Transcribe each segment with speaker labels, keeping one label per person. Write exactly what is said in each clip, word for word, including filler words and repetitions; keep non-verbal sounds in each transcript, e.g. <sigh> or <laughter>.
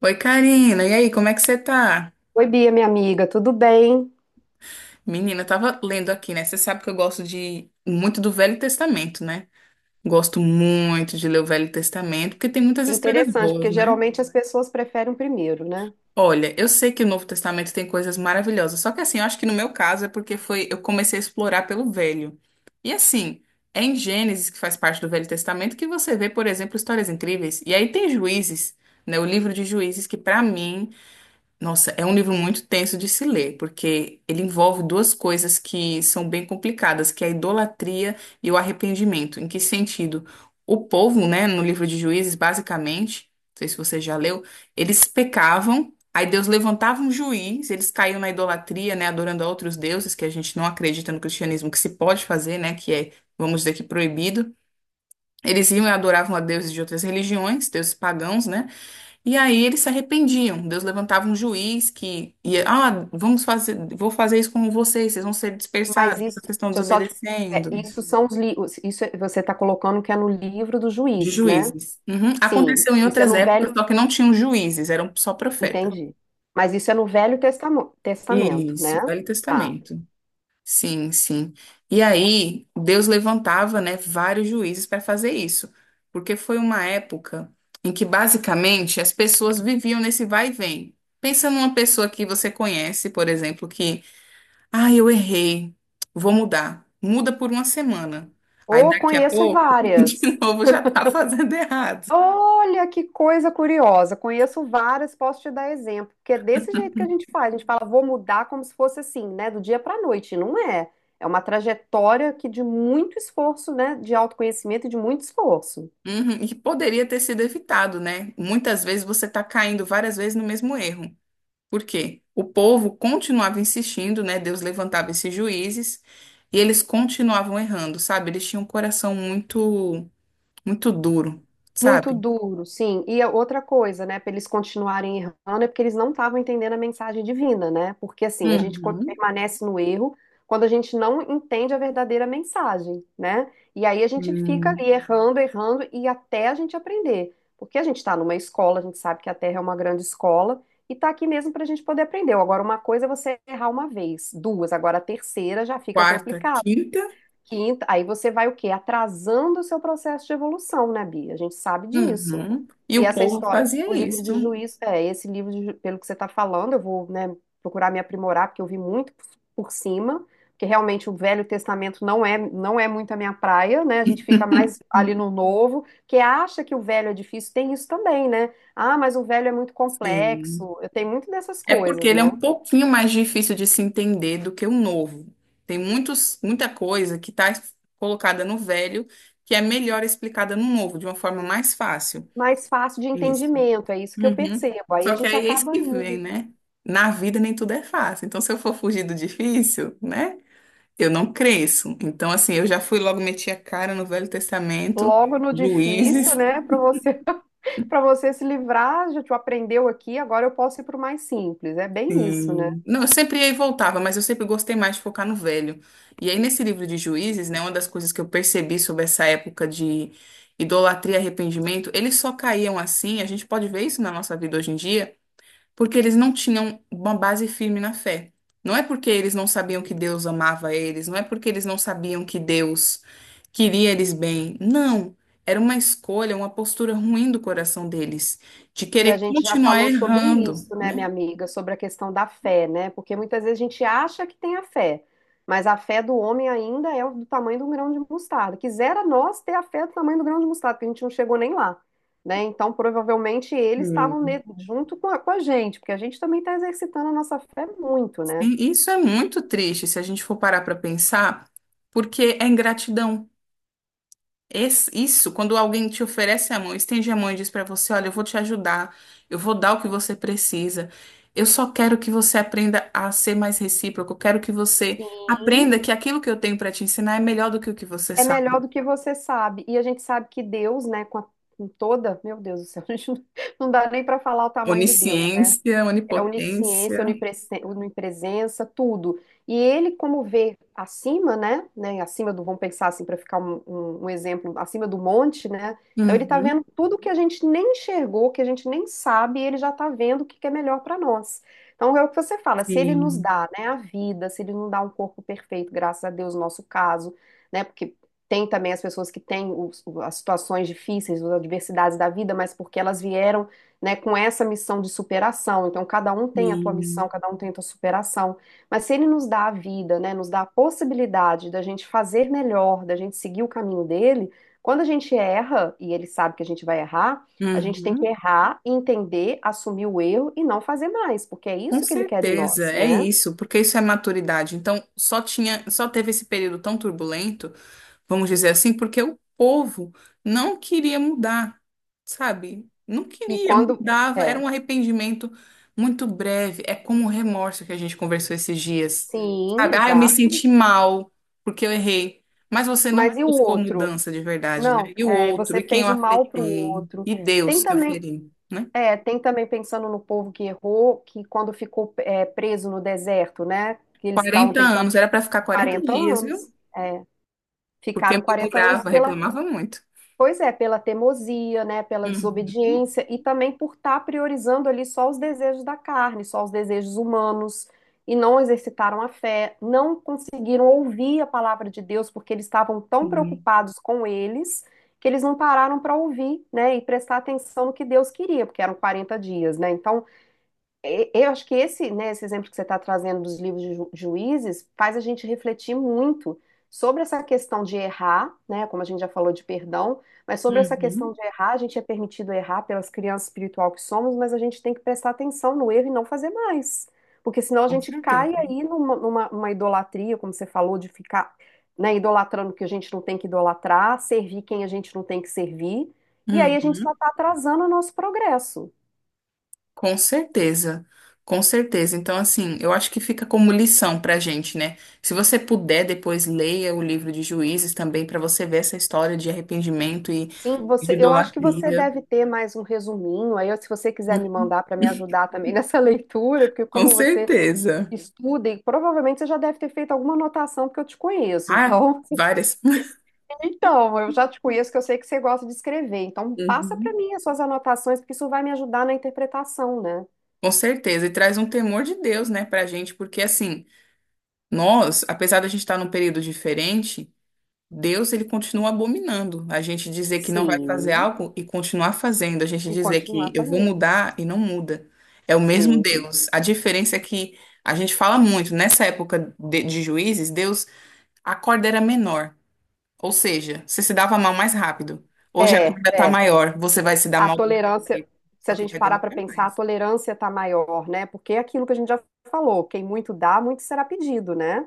Speaker 1: Oi, Karina. E aí, como é que você tá?
Speaker 2: Oi, Bia, minha amiga, tudo bem?
Speaker 1: Menina, eu tava lendo aqui, né? Você sabe que eu gosto de muito do Velho Testamento, né? Gosto muito de ler o Velho Testamento, porque tem muitas
Speaker 2: Que
Speaker 1: histórias
Speaker 2: interessante,
Speaker 1: boas,
Speaker 2: porque
Speaker 1: né?
Speaker 2: geralmente as pessoas preferem o primeiro, né?
Speaker 1: Olha, eu sei que o Novo Testamento tem coisas maravilhosas, só que assim, eu acho que no meu caso é porque foi, eu comecei a explorar pelo Velho. E assim, é em Gênesis, que faz parte do Velho Testamento, que você vê, por exemplo, histórias incríveis. E aí tem Juízes, né? O livro de Juízes, que pra mim Nossa, é um livro muito tenso de se ler, porque ele envolve duas coisas que são bem complicadas, que é a idolatria e o arrependimento. Em que sentido? O povo, né, no livro de Juízes, basicamente, não sei se você já leu, eles pecavam, aí Deus levantava um juiz, eles caíam na idolatria, né, adorando a outros deuses, que a gente não acredita no cristianismo que se pode fazer, né, que é, vamos dizer, que proibido. Eles iam e adoravam a deuses de outras religiões, deuses pagãos, né? E aí eles se arrependiam. Deus levantava um juiz que ia, ah, vamos fazer, vou fazer isso com vocês, vocês vão ser
Speaker 2: Mas
Speaker 1: dispersados, porque
Speaker 2: isso,
Speaker 1: vocês estão
Speaker 2: deixa eu só te- é,
Speaker 1: desobedecendo.
Speaker 2: isso são os livros, isso é- você está colocando que é no livro dos
Speaker 1: De
Speaker 2: juízes, né?
Speaker 1: juízes. Uhum.
Speaker 2: Sim,
Speaker 1: Aconteceu em
Speaker 2: isso é
Speaker 1: outras
Speaker 2: no
Speaker 1: épocas,
Speaker 2: Velho,
Speaker 1: só que não tinham juízes, eram só profetas.
Speaker 2: entendi. Mas isso é no Velho Testamo- Testamento, né?
Speaker 1: Isso, Velho
Speaker 2: Tá.
Speaker 1: Testamento. Sim, sim. E aí Deus levantava, né, vários juízes para fazer isso, porque foi uma época em que basicamente as pessoas viviam nesse vai e vem. Pensa numa pessoa que você conhece, por exemplo, que ah, eu errei. Vou mudar. Muda por uma semana. Aí
Speaker 2: Ou
Speaker 1: daqui a
Speaker 2: conheço
Speaker 1: pouco, <laughs> de
Speaker 2: várias.
Speaker 1: novo, já tá fazendo errado.
Speaker 2: Olha que coisa curiosa. Conheço várias, posso te dar exemplo, porque é desse jeito que a gente faz. A gente fala, vou mudar como se fosse assim, né, do dia para a noite. E não é. É uma trajetória que de muito esforço, né, de autoconhecimento e de muito esforço.
Speaker 1: Uhum. E poderia ter sido evitado, né? Muitas vezes você está caindo várias vezes no mesmo erro. Por quê? O povo continuava insistindo, né? Deus levantava esses juízes e eles continuavam errando, sabe? Eles tinham um coração muito, muito duro,
Speaker 2: Muito
Speaker 1: sabe?
Speaker 2: duro, sim. E a outra coisa, né, para eles continuarem errando é porque eles não estavam entendendo a mensagem divina, né? Porque assim, a gente co-
Speaker 1: Uhum.
Speaker 2: permanece no erro quando a gente não entende a verdadeira mensagem, né? E aí a gente fica
Speaker 1: Hum.
Speaker 2: ali errando, errando e até a gente aprender. Porque a gente está numa escola, a gente sabe que a Terra é uma grande escola e tá aqui mesmo para a gente poder aprender. Agora, uma coisa é você errar uma vez, duas, agora a terceira já fica
Speaker 1: Quarta,
Speaker 2: complicado.
Speaker 1: quinta.
Speaker 2: Quinta, aí você vai o quê? Atrasando o seu processo de evolução, né, Bia? A gente sabe disso.
Speaker 1: Uhum. E
Speaker 2: E
Speaker 1: o
Speaker 2: essa
Speaker 1: povo
Speaker 2: história, o
Speaker 1: fazia
Speaker 2: livro
Speaker 1: isso.
Speaker 2: de juízo, é, esse livro, de ju- pelo que você está falando, eu vou, né, procurar me aprimorar, porque eu vi muito por por cima, porque realmente o Velho Testamento não é, não é muito a minha praia, né? A gente fica mais ali no Novo, que acha que o Velho é difícil, tem isso também, né? Ah, mas o Velho é muito
Speaker 1: Sim.
Speaker 2: complexo, eu tenho muito dessas
Speaker 1: É porque
Speaker 2: coisas,
Speaker 1: ele é
Speaker 2: né?
Speaker 1: um pouquinho mais difícil de se entender do que o novo. Tem muitos, muita coisa que está colocada no velho que é melhor explicada no novo, de uma forma mais fácil.
Speaker 2: Mais fácil de
Speaker 1: Isso.
Speaker 2: entendimento, é isso que eu
Speaker 1: Uhum.
Speaker 2: percebo. Aí a
Speaker 1: Só que
Speaker 2: gente
Speaker 1: aí é isso
Speaker 2: acaba
Speaker 1: que vem,
Speaker 2: indo.
Speaker 1: né? Na vida nem tudo é fácil. Então, se eu for fugir do difícil, né? Eu não cresço. Então, assim, eu já fui logo, meti a cara no Velho Testamento,
Speaker 2: Logo no difícil,
Speaker 1: Juízes.
Speaker 2: né? Para você, <laughs> para você se livrar, já te aprendeu aqui, agora eu posso ir para o mais simples. É bem isso, né?
Speaker 1: Sim. Não, eu sempre ia e voltava, mas eu sempre gostei mais de focar no velho. E aí, nesse livro de Juízes, né, uma das coisas que eu percebi sobre essa época de idolatria e arrependimento, eles só caíam assim, a gente pode ver isso na nossa vida hoje em dia, porque eles não tinham uma base firme na fé. Não é porque eles não sabiam que Deus amava eles, não é porque eles não sabiam que Deus queria eles bem. Não. Era uma escolha, uma postura ruim do coração deles, de
Speaker 2: E a
Speaker 1: querer
Speaker 2: gente já
Speaker 1: continuar
Speaker 2: falou sobre
Speaker 1: errando,
Speaker 2: isso, né,
Speaker 1: né?
Speaker 2: minha amiga, sobre a questão da fé, né? Porque muitas vezes a gente acha que tem a fé, mas a fé do homem ainda é do tamanho de um grão de mostarda. Quisera nós ter a fé do tamanho do grão de mostarda, porque a gente não chegou nem lá, né? Então, provavelmente eles estavam ne- junto com a, com a gente, porque a gente também está exercitando a nossa fé muito, né?
Speaker 1: E isso é muito triste se a gente for parar para pensar, porque é ingratidão. Esse- isso, quando alguém te oferece a mão, estende a mão e diz para você: olha, eu vou te ajudar, eu vou dar o que você precisa. Eu só quero que você aprenda a ser mais recíproco. Eu quero que você
Speaker 2: Sim.
Speaker 1: aprenda que aquilo que eu tenho para te ensinar é melhor do que o que você
Speaker 2: É melhor
Speaker 1: sabe.
Speaker 2: do que você sabe. E a gente sabe que Deus, né, com, a- com toda, meu Deus do céu, <laughs> a gente não, não dá nem para falar o tamanho de Deus.
Speaker 1: Onisciência,
Speaker 2: É
Speaker 1: onipotência.
Speaker 2: onisciência, onipresen- onipresença, tudo. E ele, como vê acima, né, né, acima do, vamos pensar assim, para ficar um, um- um exemplo, acima do monte, né, então ele está vendo
Speaker 1: Uhum.
Speaker 2: tudo que a gente nem enxergou, que a gente nem sabe, e ele já está vendo o que que é melhor para nós. Então é o que você fala, se ele nos
Speaker 1: Sim,
Speaker 2: dá, né, a vida, se ele nos dá um corpo perfeito, graças a Deus, no nosso caso, né, porque tem também as pessoas que têm os- as situações difíceis, as adversidades da vida, mas porque elas vieram, né, com essa missão de superação. Então, cada um tem a tua missão,
Speaker 1: sim.
Speaker 2: cada um tem a tua superação. Mas se ele nos dá a vida, né, nos dá a possibilidade da gente fazer melhor, da gente seguir o caminho dele, quando a gente erra, e ele sabe que a gente vai errar, a gente tem que
Speaker 1: Uhum.
Speaker 2: errar, entender, assumir o erro e não fazer mais, porque é
Speaker 1: Com
Speaker 2: isso que ele quer de
Speaker 1: certeza,
Speaker 2: nós,
Speaker 1: é
Speaker 2: né?
Speaker 1: isso, porque isso é maturidade. Então, só tinha, só teve esse período tão turbulento, vamos dizer assim, porque o povo não queria mudar, sabe? Não
Speaker 2: E
Speaker 1: queria,
Speaker 2: quando.
Speaker 1: mudava, era
Speaker 2: É,
Speaker 1: um arrependimento muito breve, é como o remorso que a gente conversou esses dias,
Speaker 2: sim,
Speaker 1: sabe? Ah, eu me
Speaker 2: exato.
Speaker 1: senti mal porque eu errei, mas você não
Speaker 2: Mas e o
Speaker 1: buscou
Speaker 2: outro?
Speaker 1: mudança de verdade, né?
Speaker 2: Não,
Speaker 1: E o
Speaker 2: é,
Speaker 1: outro,
Speaker 2: você
Speaker 1: e quem eu
Speaker 2: fez o mal para o
Speaker 1: afetei,
Speaker 2: outro.
Speaker 1: e
Speaker 2: Tem
Speaker 1: Deus que eu
Speaker 2: também.
Speaker 1: feri, né?
Speaker 2: É, tem também pensando no povo que errou, que quando ficou, é, preso no deserto, né? Que eles estavam
Speaker 1: Quarenta
Speaker 2: tentando
Speaker 1: anos, era para ficar quarenta
Speaker 2: quarenta
Speaker 1: dias, viu?
Speaker 2: anos.
Speaker 1: Porque
Speaker 2: Ficaram
Speaker 1: me
Speaker 2: quarenta anos
Speaker 1: murava,
Speaker 2: pela,
Speaker 1: reclamava muito.
Speaker 2: pois é, pela teimosia, né? Pela desobediência e também por estar priorizando ali só os desejos da carne, só os desejos humanos, e não exercitaram a fé, não conseguiram ouvir a palavra de Deus porque eles estavam tão
Speaker 1: Uhum.
Speaker 2: preocupados com eles que eles não pararam para ouvir, né? E prestar atenção no que Deus queria, porque eram quarenta dias, né? Então e- eu acho que esse, né, esse exemplo que você está trazendo dos livros de ju- juízes faz a gente refletir muito sobre essa questão de errar, né, como a gente já falou de perdão, mas sobre essa questão
Speaker 1: Uhum.
Speaker 2: de errar, a gente é permitido errar pelas crianças espiritual que somos, mas a gente tem que prestar atenção no erro e não fazer mais, porque senão a
Speaker 1: Com
Speaker 2: gente cai
Speaker 1: certeza.
Speaker 2: aí numa, numa- numa idolatria, como você falou, de ficar, né, idolatrando o que a gente não tem que idolatrar, servir quem a gente não tem que servir, e aí a gente só
Speaker 1: Uhum.
Speaker 2: está atrasando o nosso progresso.
Speaker 1: Com certeza. Com certeza. Então, assim, eu acho que fica como lição pra gente, né? Se você puder, depois leia o livro de Juízes também para você ver essa história de arrependimento e
Speaker 2: Sim,
Speaker 1: de
Speaker 2: você, eu acho que você
Speaker 1: idolatria.
Speaker 2: deve ter mais um resuminho. Aí, se você quiser me mandar para me ajudar também nessa <laughs> leitura, porque
Speaker 1: Com
Speaker 2: como você
Speaker 1: certeza.
Speaker 2: estuda, e provavelmente você já deve ter feito alguma anotação, porque eu te conheço.
Speaker 1: Ah,
Speaker 2: Então,
Speaker 1: várias.
Speaker 2: <laughs> então, eu já te conheço, que eu sei que você gosta de escrever. Então, passa para
Speaker 1: Uhum.
Speaker 2: mim as suas anotações, porque isso vai me ajudar na interpretação, né?
Speaker 1: Com certeza. E traz um temor de Deus, né, pra gente, porque assim, nós, apesar da gente estar num período diferente, Deus, ele continua abominando. A gente dizer que não vai fazer
Speaker 2: Sim.
Speaker 1: algo e continuar fazendo. A gente
Speaker 2: E
Speaker 1: dizer que
Speaker 2: continuar
Speaker 1: eu vou
Speaker 2: fazendo.
Speaker 1: mudar e não muda. É o mesmo
Speaker 2: Sim.
Speaker 1: Deus. A diferença é que a gente fala muito, nessa época de, de juízes, Deus, a corda era menor. Ou seja, você se dava mal mais rápido. Hoje a
Speaker 2: É,
Speaker 1: corda tá
Speaker 2: é.
Speaker 1: maior, você vai se dar
Speaker 2: A
Speaker 1: mal do mesmo
Speaker 2: tolerância,
Speaker 1: jeito,
Speaker 2: se
Speaker 1: só
Speaker 2: a
Speaker 1: que
Speaker 2: gente
Speaker 1: vai
Speaker 2: parar
Speaker 1: demorar
Speaker 2: para pensar, a
Speaker 1: mais.
Speaker 2: tolerância está maior, né? Porque é aquilo que a gente já falou, quem muito dá, muito será pedido, né?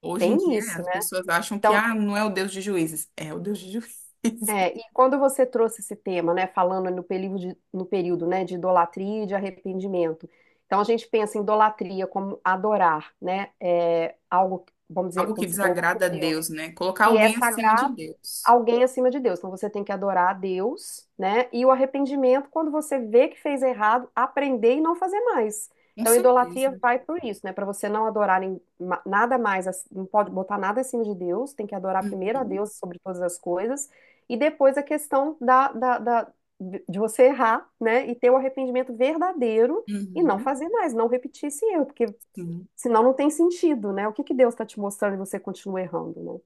Speaker 1: Hoje em
Speaker 2: Tem
Speaker 1: dia,
Speaker 2: isso,
Speaker 1: as
Speaker 2: né?
Speaker 1: pessoas acham que,
Speaker 2: Então,
Speaker 1: ah, não é o Deus de juízes. É o Deus de juízes. <laughs>
Speaker 2: é, e quando você trouxe esse tema, né, falando no período, de, no período, né, de idolatria e de arrependimento, então a gente pensa em idolatria como adorar, né, é, algo, vamos dizer,
Speaker 1: Algo que
Speaker 2: como você falou,
Speaker 1: desagrada a
Speaker 2: outros deuses,
Speaker 1: Deus, né? Colocar
Speaker 2: que é
Speaker 1: alguém acima
Speaker 2: sagrado,
Speaker 1: de Deus.
Speaker 2: alguém acima de Deus. Então você tem que adorar a Deus, né? E o arrependimento, quando você vê que fez errado, aprender e não fazer mais.
Speaker 1: Com
Speaker 2: Então, a idolatria
Speaker 1: certeza.
Speaker 2: vai por isso, né? Para você não adorar em- ma- nada mais, ac- não pode botar nada acima de Deus, tem que adorar primeiro a
Speaker 1: Uhum,
Speaker 2: Deus sobre todas as coisas, e depois a questão da, da, da- de de você errar, né? E ter o arrependimento verdadeiro e não
Speaker 1: uhum,
Speaker 2: fazer mais, não repetir esse erro, porque
Speaker 1: sim.
Speaker 2: senão não tem sentido, né? O que que Deus está te mostrando e você continua errando, né?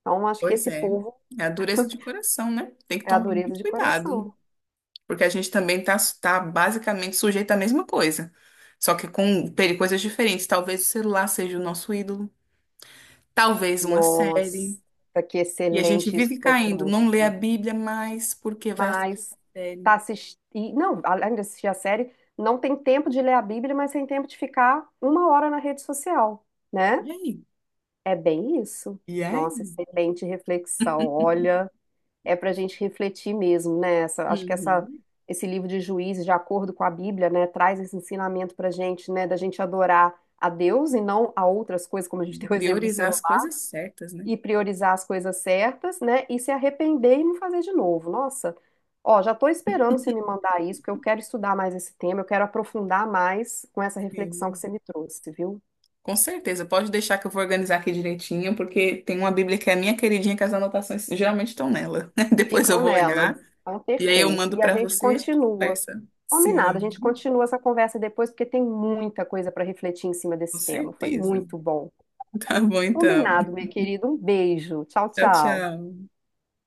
Speaker 2: Então, acho que
Speaker 1: Pois
Speaker 2: esse
Speaker 1: é.
Speaker 2: povo
Speaker 1: É a dureza de coração, né? Tem que
Speaker 2: é a
Speaker 1: tomar
Speaker 2: dureza
Speaker 1: muito
Speaker 2: de
Speaker 1: cuidado,
Speaker 2: coração.
Speaker 1: porque a gente também tá, tá basicamente sujeito à mesma coisa, só que com peri- coisas diferentes. Talvez o celular seja o nosso ídolo, talvez uma série.
Speaker 2: Nossa, que
Speaker 1: E a gente
Speaker 2: excelente isso que
Speaker 1: vive
Speaker 2: você
Speaker 1: caindo, não
Speaker 2: trouxe.
Speaker 1: lê a Bíblia mais porque vai assistir
Speaker 2: Mas
Speaker 1: série.
Speaker 2: tá assistindo. Não, além de assistir a série, não tem tempo de ler a Bíblia, mas tem tempo de ficar uma hora na rede social, né?
Speaker 1: E aí?
Speaker 2: É bem isso.
Speaker 1: E
Speaker 2: Nossa,
Speaker 1: aí?
Speaker 2: excelente reflexão. Olha, é para a gente refletir mesmo, né? Essa, acho que essa,
Speaker 1: Uhum.
Speaker 2: esse livro de Juízes, de acordo com a Bíblia, né, traz esse ensinamento para gente, né, da gente adorar a Deus e não a outras coisas, como a gente <laughs> deu o exemplo do
Speaker 1: Priorizar
Speaker 2: celular
Speaker 1: as coisas certas, né?
Speaker 2: e priorizar as coisas certas, né? E se arrepender e não fazer de novo. Nossa, ó, já tô esperando você me mandar isso, porque eu quero estudar mais esse tema, eu quero aprofundar mais com essa reflexão que
Speaker 1: Sim.
Speaker 2: você me trouxe, viu?
Speaker 1: Com certeza, pode deixar que eu vou organizar aqui direitinho, porque tem uma Bíblia que é minha queridinha, que as anotações geralmente estão nela. <laughs> Depois eu
Speaker 2: Ficam
Speaker 1: vou
Speaker 2: nela.
Speaker 1: olhar
Speaker 2: Então,
Speaker 1: e aí eu
Speaker 2: perfeito.
Speaker 1: mando
Speaker 2: E a
Speaker 1: para
Speaker 2: gente
Speaker 1: vocês. E
Speaker 2: continua.
Speaker 1: conversa.
Speaker 2: Combinado, a gente
Speaker 1: Sim,
Speaker 2: continua essa conversa depois, porque tem muita coisa para refletir em cima
Speaker 1: com
Speaker 2: desse tema. Foi
Speaker 1: certeza.
Speaker 2: muito
Speaker 1: <laughs>
Speaker 2: bom.
Speaker 1: Tá bom então.
Speaker 2: Combinado, meu querido. Um beijo. Tchau,
Speaker 1: Tchau,
Speaker 2: tchau.
Speaker 1: tchau.